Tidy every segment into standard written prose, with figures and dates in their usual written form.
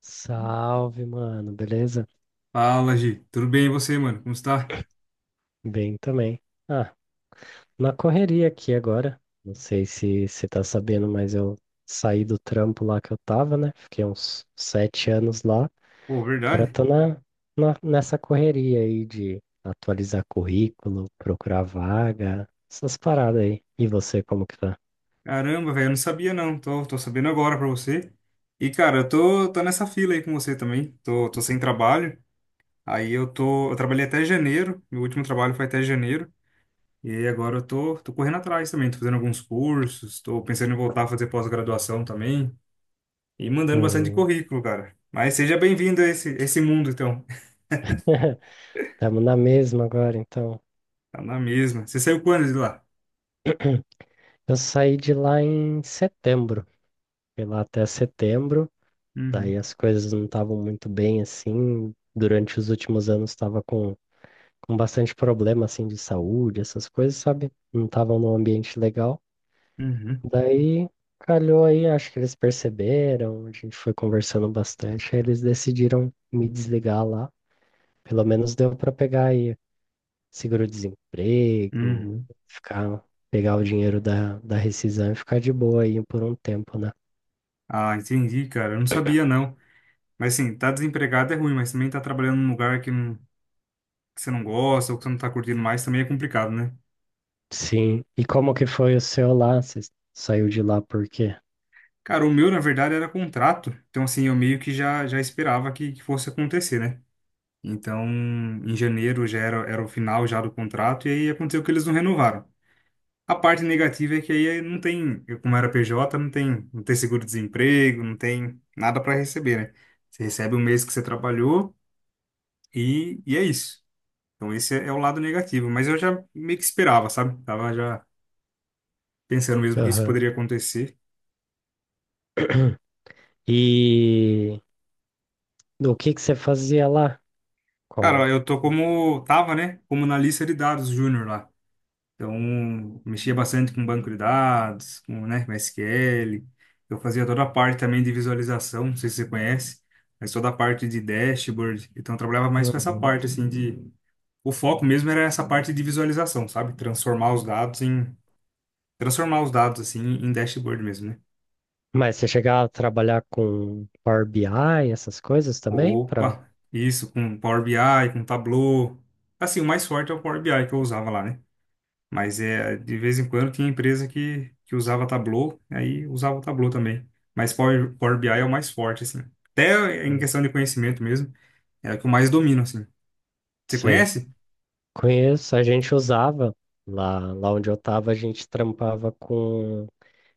Salve, mano, beleza? Fala, Gi. Tudo bem e você, mano? Como está? Bem também. Ah, na correria aqui agora. Não sei se você tá sabendo, mas eu saí do trampo lá que eu tava, né? Fiquei uns 7 anos lá. Pô, Agora verdade? tô nessa correria aí de atualizar currículo, procurar vaga, essas paradas aí. E você, como que tá? Caramba, velho, eu não sabia não. Tô sabendo agora pra você. E, cara, eu tô nessa fila aí com você também. Tô sem trabalho. Aí eu tô. Eu trabalhei até janeiro. Meu último trabalho foi até janeiro. E aí agora eu tô correndo atrás também. Tô fazendo alguns cursos. Tô pensando em voltar a fazer pós-graduação também. E mandando bastante Hum. currículo, cara. Mas seja bem-vindo a esse mundo, então. Tamo na mesma agora, então. Tá na mesma. Você saiu quando de lá? Eu saí de lá em setembro. Fui lá até setembro. Daí Uhum, as coisas não estavam muito bem assim. Durante os últimos anos estava com bastante problema assim de saúde, essas coisas, sabe? Não estavam num ambiente legal. uhum, Daí calhou aí, acho que eles perceberam, a gente foi conversando bastante, aí eles decidiram me desligar lá. Pelo menos deu para pegar aí seguro-desemprego, uhum. ficar, pegar o dinheiro da rescisão e ficar de boa aí por um tempo, né? Ah, entendi, cara. Eu não sabia, não. Mas assim, tá desempregado é ruim, mas também tá trabalhando num lugar que, que você não gosta ou que você não tá curtindo mais também é complicado, né? Sim. E como que foi o seu lá? Você saiu de lá por quê? Cara, o meu, na verdade, era contrato. Então, assim, eu meio que já esperava que fosse acontecer, né? Então, em janeiro já era o final já do contrato e aí aconteceu que eles não renovaram. A parte negativa é que aí não tem, eu, como era PJ, não tem seguro-desemprego, não tem nada para receber, né? Você recebe o mês que você trabalhou e é isso. Então esse é o lado negativo, mas eu já meio que esperava, sabe? Tava já pensando mesmo que isso Aham. poderia acontecer. E o que que você fazia lá? Cara, Qual? eu tô como tava, né? Como na lista de dados júnior lá. Então, mexia bastante com banco de dados, com, né, com SQL. Eu fazia toda a parte também de visualização, não sei se você conhece, mas toda a parte de dashboard. Então, eu trabalhava mais com essa Uhum. parte assim de o foco mesmo era essa parte de visualização, sabe? Transformar os dados em transformar os dados assim em dashboard mesmo, né? Mas você chegava a trabalhar com Power BI, essas coisas também? Pra. Opa, isso, com Power BI, com Tableau. Assim, o mais forte é o Power BI que eu usava lá, né? Mas é, de vez em quando tinha empresa que usava Tableau, aí usava o Tableau também. Mas Power BI é o mais forte, assim. Até em Hum. questão de conhecimento mesmo, é o que eu mais domino, assim. Você Sei. conhece? Conheço, a gente usava lá onde eu estava, a gente trampava com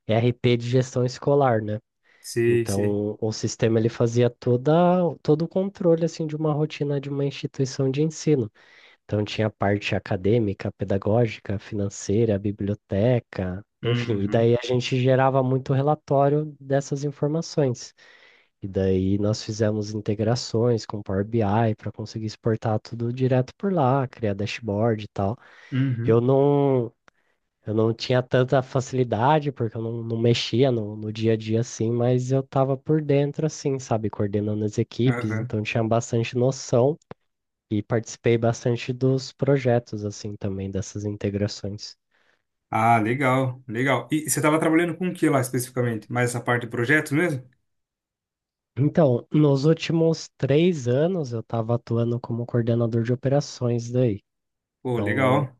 RP de gestão escolar, né? Sim, sim. Então, o sistema ele fazia todo o controle assim de uma rotina de uma instituição de ensino. Então tinha a parte acadêmica, pedagógica, financeira, biblioteca, enfim, e Uhum, daí a gente gerava muito relatório dessas informações. E daí nós fizemos integrações com Power BI para conseguir exportar tudo direto por lá, criar dashboard e tal. Eu uhum, não, eu não tinha tanta facilidade porque eu não mexia no dia a dia assim, mas eu estava por dentro assim, sabe, coordenando as equipes, aham. então tinha bastante noção e participei bastante dos projetos, assim, também, dessas integrações. Ah, legal, legal. E você estava trabalhando com o que lá especificamente? Mais essa parte de projetos mesmo? Então, nos últimos 3 anos, eu estava atuando como coordenador de operações daí. Pô, Então, legal.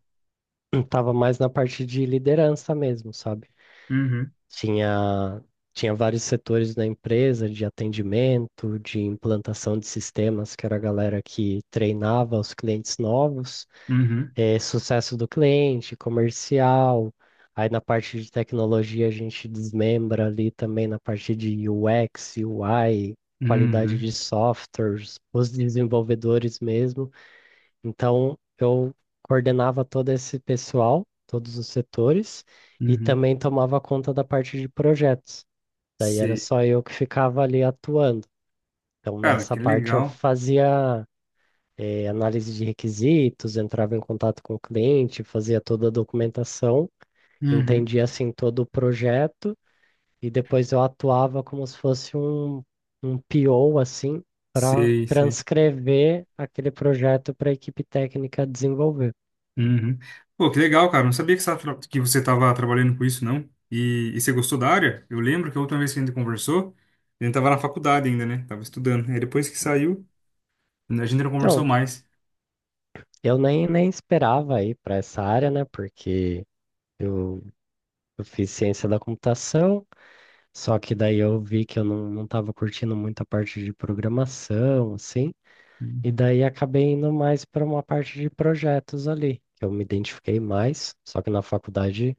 estava mais na parte de liderança mesmo, sabe? Uhum, Tinha, tinha vários setores da empresa, de atendimento, de implantação de sistemas, que era a galera que treinava os clientes novos. uhum, Sucesso do cliente, comercial. Aí na parte de tecnologia a gente desmembra ali também na parte de UX, UI, qualidade uhum, de softwares, os desenvolvedores mesmo. Então eu coordenava todo esse pessoal, todos os setores, e uhum. também tomava conta da parte de projetos. Daí era Sei. só eu que ficava ali atuando. Então Cara, nessa que parte eu legal. fazia análise de requisitos, entrava em contato com o cliente, fazia toda a documentação, Uhum. entendia assim todo o projeto e depois eu atuava como se fosse um PO assim para Sei, sei. transcrever aquele projeto para a equipe técnica desenvolver. Uhum. Pô, que legal, cara. Não sabia que você estava que você estava trabalhando com isso, não. E você gostou da área? Eu lembro que a última vez que a gente conversou, a gente estava na faculdade ainda, né? Tava estudando. Aí depois que saiu, a gente não conversou Então, mais. eu nem esperava ir para essa área, né? Porque eu, eu fiz ciência da computação, só que daí eu vi que eu não estava curtindo muito a parte de programação, assim. E Uhum. daí acabei indo mais para uma parte de projetos ali, que eu me identifiquei mais, só que na faculdade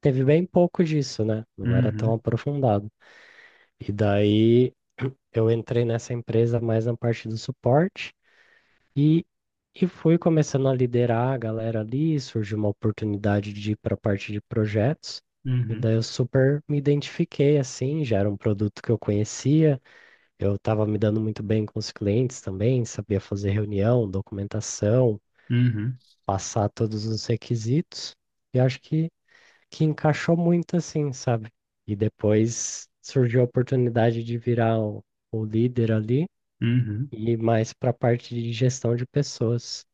teve bem pouco disso, né? Não era tão Uhum. aprofundado. E daí eu entrei nessa empresa mais na parte do suporte e, e fui começando a liderar a galera ali, surgiu uma oportunidade de ir para a parte de projetos. E Uhum. daí eu super me identifiquei assim, já era um produto que eu conhecia, eu estava me dando muito bem com os clientes também, sabia fazer reunião, documentação, Uhum. passar todos os requisitos e acho que encaixou muito assim, sabe? E depois surgiu a oportunidade de virar o líder ali Uhum. e ir mais para a parte de gestão de pessoas.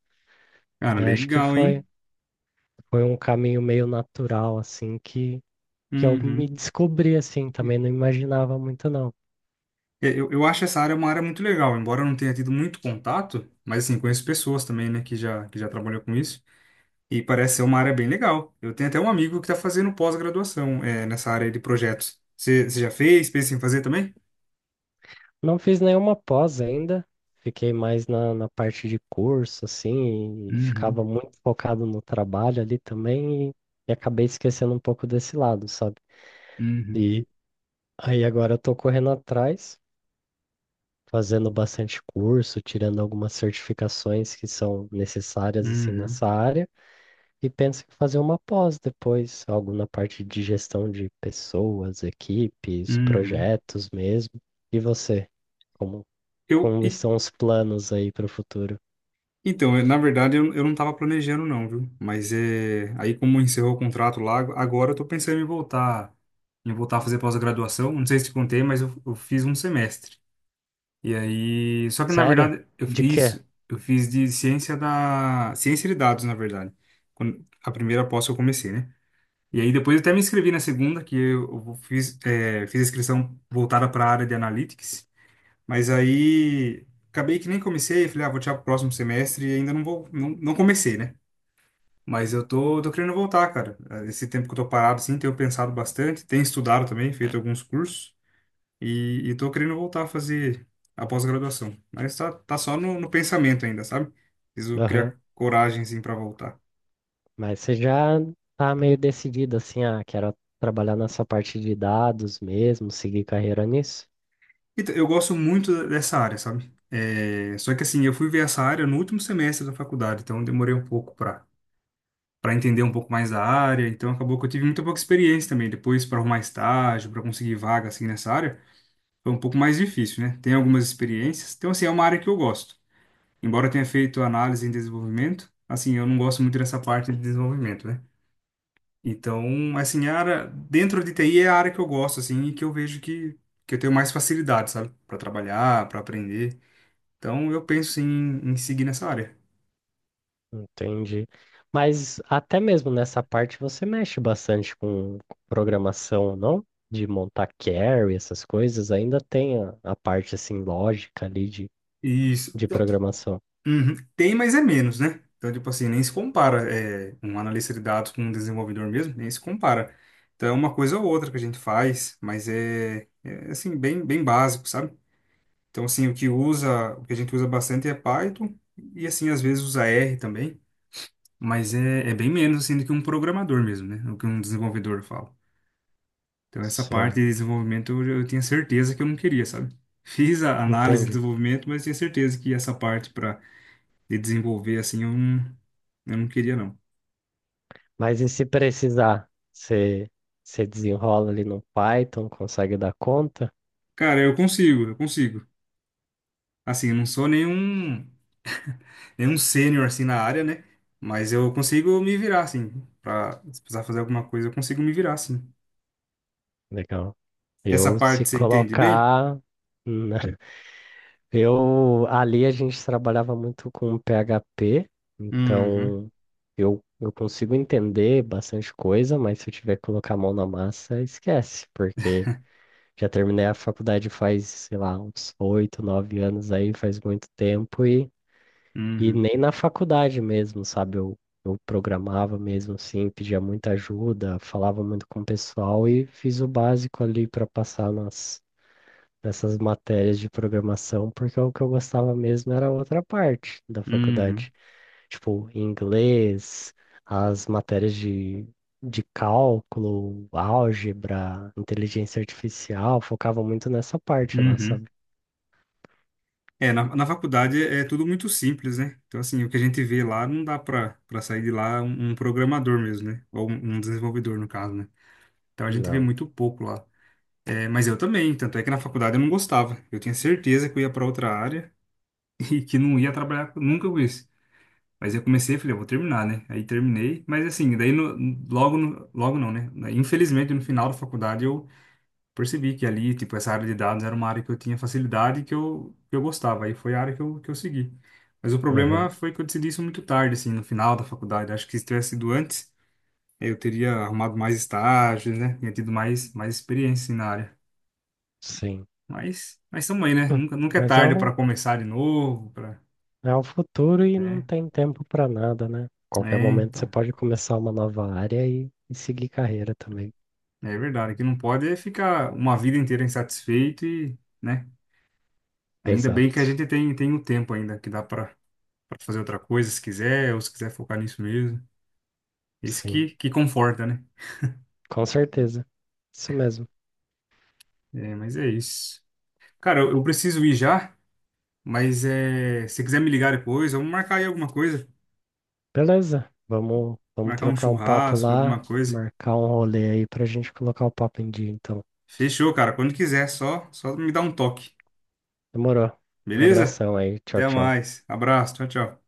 E Cara, daí acho que legal, foi, hein? foi um caminho meio natural, assim, que eu me Uhum. descobri, assim, também não imaginava muito não. É, eu acho essa área uma área muito legal, embora eu não tenha tido muito contato, mas assim, conheço pessoas também, né, que já trabalhou com isso. E parece ser uma área bem legal. Eu tenho até um amigo que está fazendo pós-graduação, é, nessa área de projetos. Você já fez? Pensa em fazer também? Não fiz nenhuma pós ainda, fiquei mais na parte de curso, assim, e Uhum, ficava muito focado no trabalho ali também, e acabei esquecendo um pouco desse lado, sabe? uhum. E aí agora eu tô correndo atrás, fazendo bastante curso, tirando algumas certificações que são necessárias, assim, Uhum, nessa área, e penso em fazer uma pós depois, algo na parte de gestão de pessoas, equipes, uhum. projetos mesmo. E você? Como, Eu, Como e- estão os planos aí para o futuro? então, eu- Na verdade, eu não estava planejando não, viu? Mas é, aí como encerrou o contrato lá, agora eu tô pensando em voltar a fazer pós-graduação. Não sei se te contei, mas eu fiz um semestre. E aí, só que na Sério? verdade, eu fiz De quê? isso, eu fiz de ciência da ciência de dados, na verdade. Quando a primeira pós que eu comecei, né? E aí depois eu até me inscrevi na segunda, que eu fiz fiz a inscrição voltada para a área de analytics, mas aí acabei que nem comecei, falei, ah, vou tirar pro próximo semestre e ainda não vou não, não comecei, né? Mas eu tô querendo voltar, cara. Esse tempo que eu tô parado, assim, tenho pensado bastante, tenho estudado também, feito alguns cursos. E tô querendo voltar a fazer a pós-graduação. Mas tá só no, no pensamento ainda, sabe? Preciso Aham. criar coragem, assim, pra voltar. Mas você já tá meio decidido assim, ah, quero trabalhar nessa parte de dados mesmo, seguir carreira nisso? Então, eu gosto muito dessa área, sabe? É, só que, assim, eu fui ver essa área no último semestre da faculdade, então eu demorei um pouco pra entender um pouco mais da área. Então, acabou que eu tive muito pouca experiência também. Depois, pra arrumar estágio, pra conseguir vaga, assim, nessa área, foi um pouco mais difícil, né? Tem algumas experiências. Então, assim, é uma área que eu gosto. Embora eu tenha feito análise em desenvolvimento, assim, eu não gosto muito dessa parte de desenvolvimento, né? Então, assim, a área dentro de TI é a área que eu gosto, assim, e que eu vejo que eu tenho mais facilidade, sabe? Para trabalhar, para aprender. Então, eu penso sim, em seguir nessa área. Entendi. Mas até mesmo nessa parte você mexe bastante com programação, não? De montar carry, essas coisas, ainda tem a parte assim lógica ali de, Isso. de programação. Uhum. Tem, mas é menos, né? Então, tipo assim, nem se compara é, um analista de dados com um desenvolvedor mesmo, nem se compara. Então, é uma coisa ou outra que a gente faz, mas é assim, bem básico, sabe? Então, assim, o que usa, o que a gente usa bastante é Python e, assim, às vezes usa R também. Mas é bem menos assim do que um programador mesmo, né? O que um desenvolvedor fala. Então, essa parte de Certo. desenvolvimento eu tinha certeza que eu não queria, sabe? Fiz a análise de Entendi. desenvolvimento, mas tinha certeza que essa parte para de desenvolver assim eu não queria, não. Mas e se precisar, você desenrola ali no Python, consegue dar conta? Cara, eu consigo, eu consigo. Assim, eu não sou nenhum sênior assim na área, né? Mas eu consigo me virar, assim. Pra, se precisar fazer alguma coisa, eu consigo me virar, assim. Legal. Essa Eu se parte você entende bem? colocar, né? Eu ali a gente trabalhava muito com PHP, Uhum, então eu consigo entender bastante coisa, mas se eu tiver que colocar a mão na massa, esquece, porque já terminei a faculdade faz, sei lá, uns 8, 9 anos aí, faz muito tempo. E uhum, nem na faculdade mesmo, sabe? Eu programava mesmo assim, pedia muita ajuda, falava muito com o pessoal e fiz o básico ali para passar nessas matérias de programação, porque o que eu gostava mesmo era a outra parte da uhum, faculdade, tipo inglês, as matérias de cálculo, álgebra, inteligência artificial, focava muito nessa parte lá, uhum. sabe? É, na faculdade é tudo muito simples, né? Então, assim, o que a gente vê lá não dá para para sair de lá um, um programador mesmo, né? Ou um desenvolvedor, no caso, né? Então a gente vê Não. muito pouco lá. É, mas eu também, tanto é que na faculdade eu não gostava. Eu tinha certeza que eu ia para outra área e que não ia nunca com isso. Mas eu comecei e falei, eu vou terminar, né? Aí terminei, mas assim, daí no- logo, logo não, né? Infelizmente, no final da faculdade eu percebi que ali, tipo, essa área de dados era uma área que eu tinha facilidade e que que eu gostava. Aí foi a área que que eu segui. Mas o problema Aham. foi que eu decidi isso muito tarde, assim, no final da faculdade. Acho que se tivesse sido antes, eu teria arrumado mais estágios, né? Tinha tido mais experiência, assim, na área. Sim. Mas também, né? Hum, Nunca é Mas é tarde um, para começar de novo, para, É o futuro e não né? tem tempo para nada, né? Qualquer É, momento você então. pode começar uma nova área e seguir carreira também. É verdade, que não pode é ficar uma vida inteira insatisfeito e, né? Ainda bem que a Exato. gente tem o tempo ainda, que dá para fazer outra coisa se quiser, ou se quiser focar nisso mesmo. Esse Sim, que conforta, né? com certeza. Isso mesmo. É, mas é isso. Cara, eu preciso ir já, mas é, se quiser me ligar depois, vamos marcar aí alguma coisa. Beleza. Vamos Marcar um trocar um papo churrasco, alguma lá, coisa. marcar um rolê aí pra gente colocar o papo em dia, então. Fechou, cara. Quando quiser, só me dá um toque. Demorou. Beleza? Abração aí. Tchau, Até tchau. mais. Abraço. Tchau, tchau.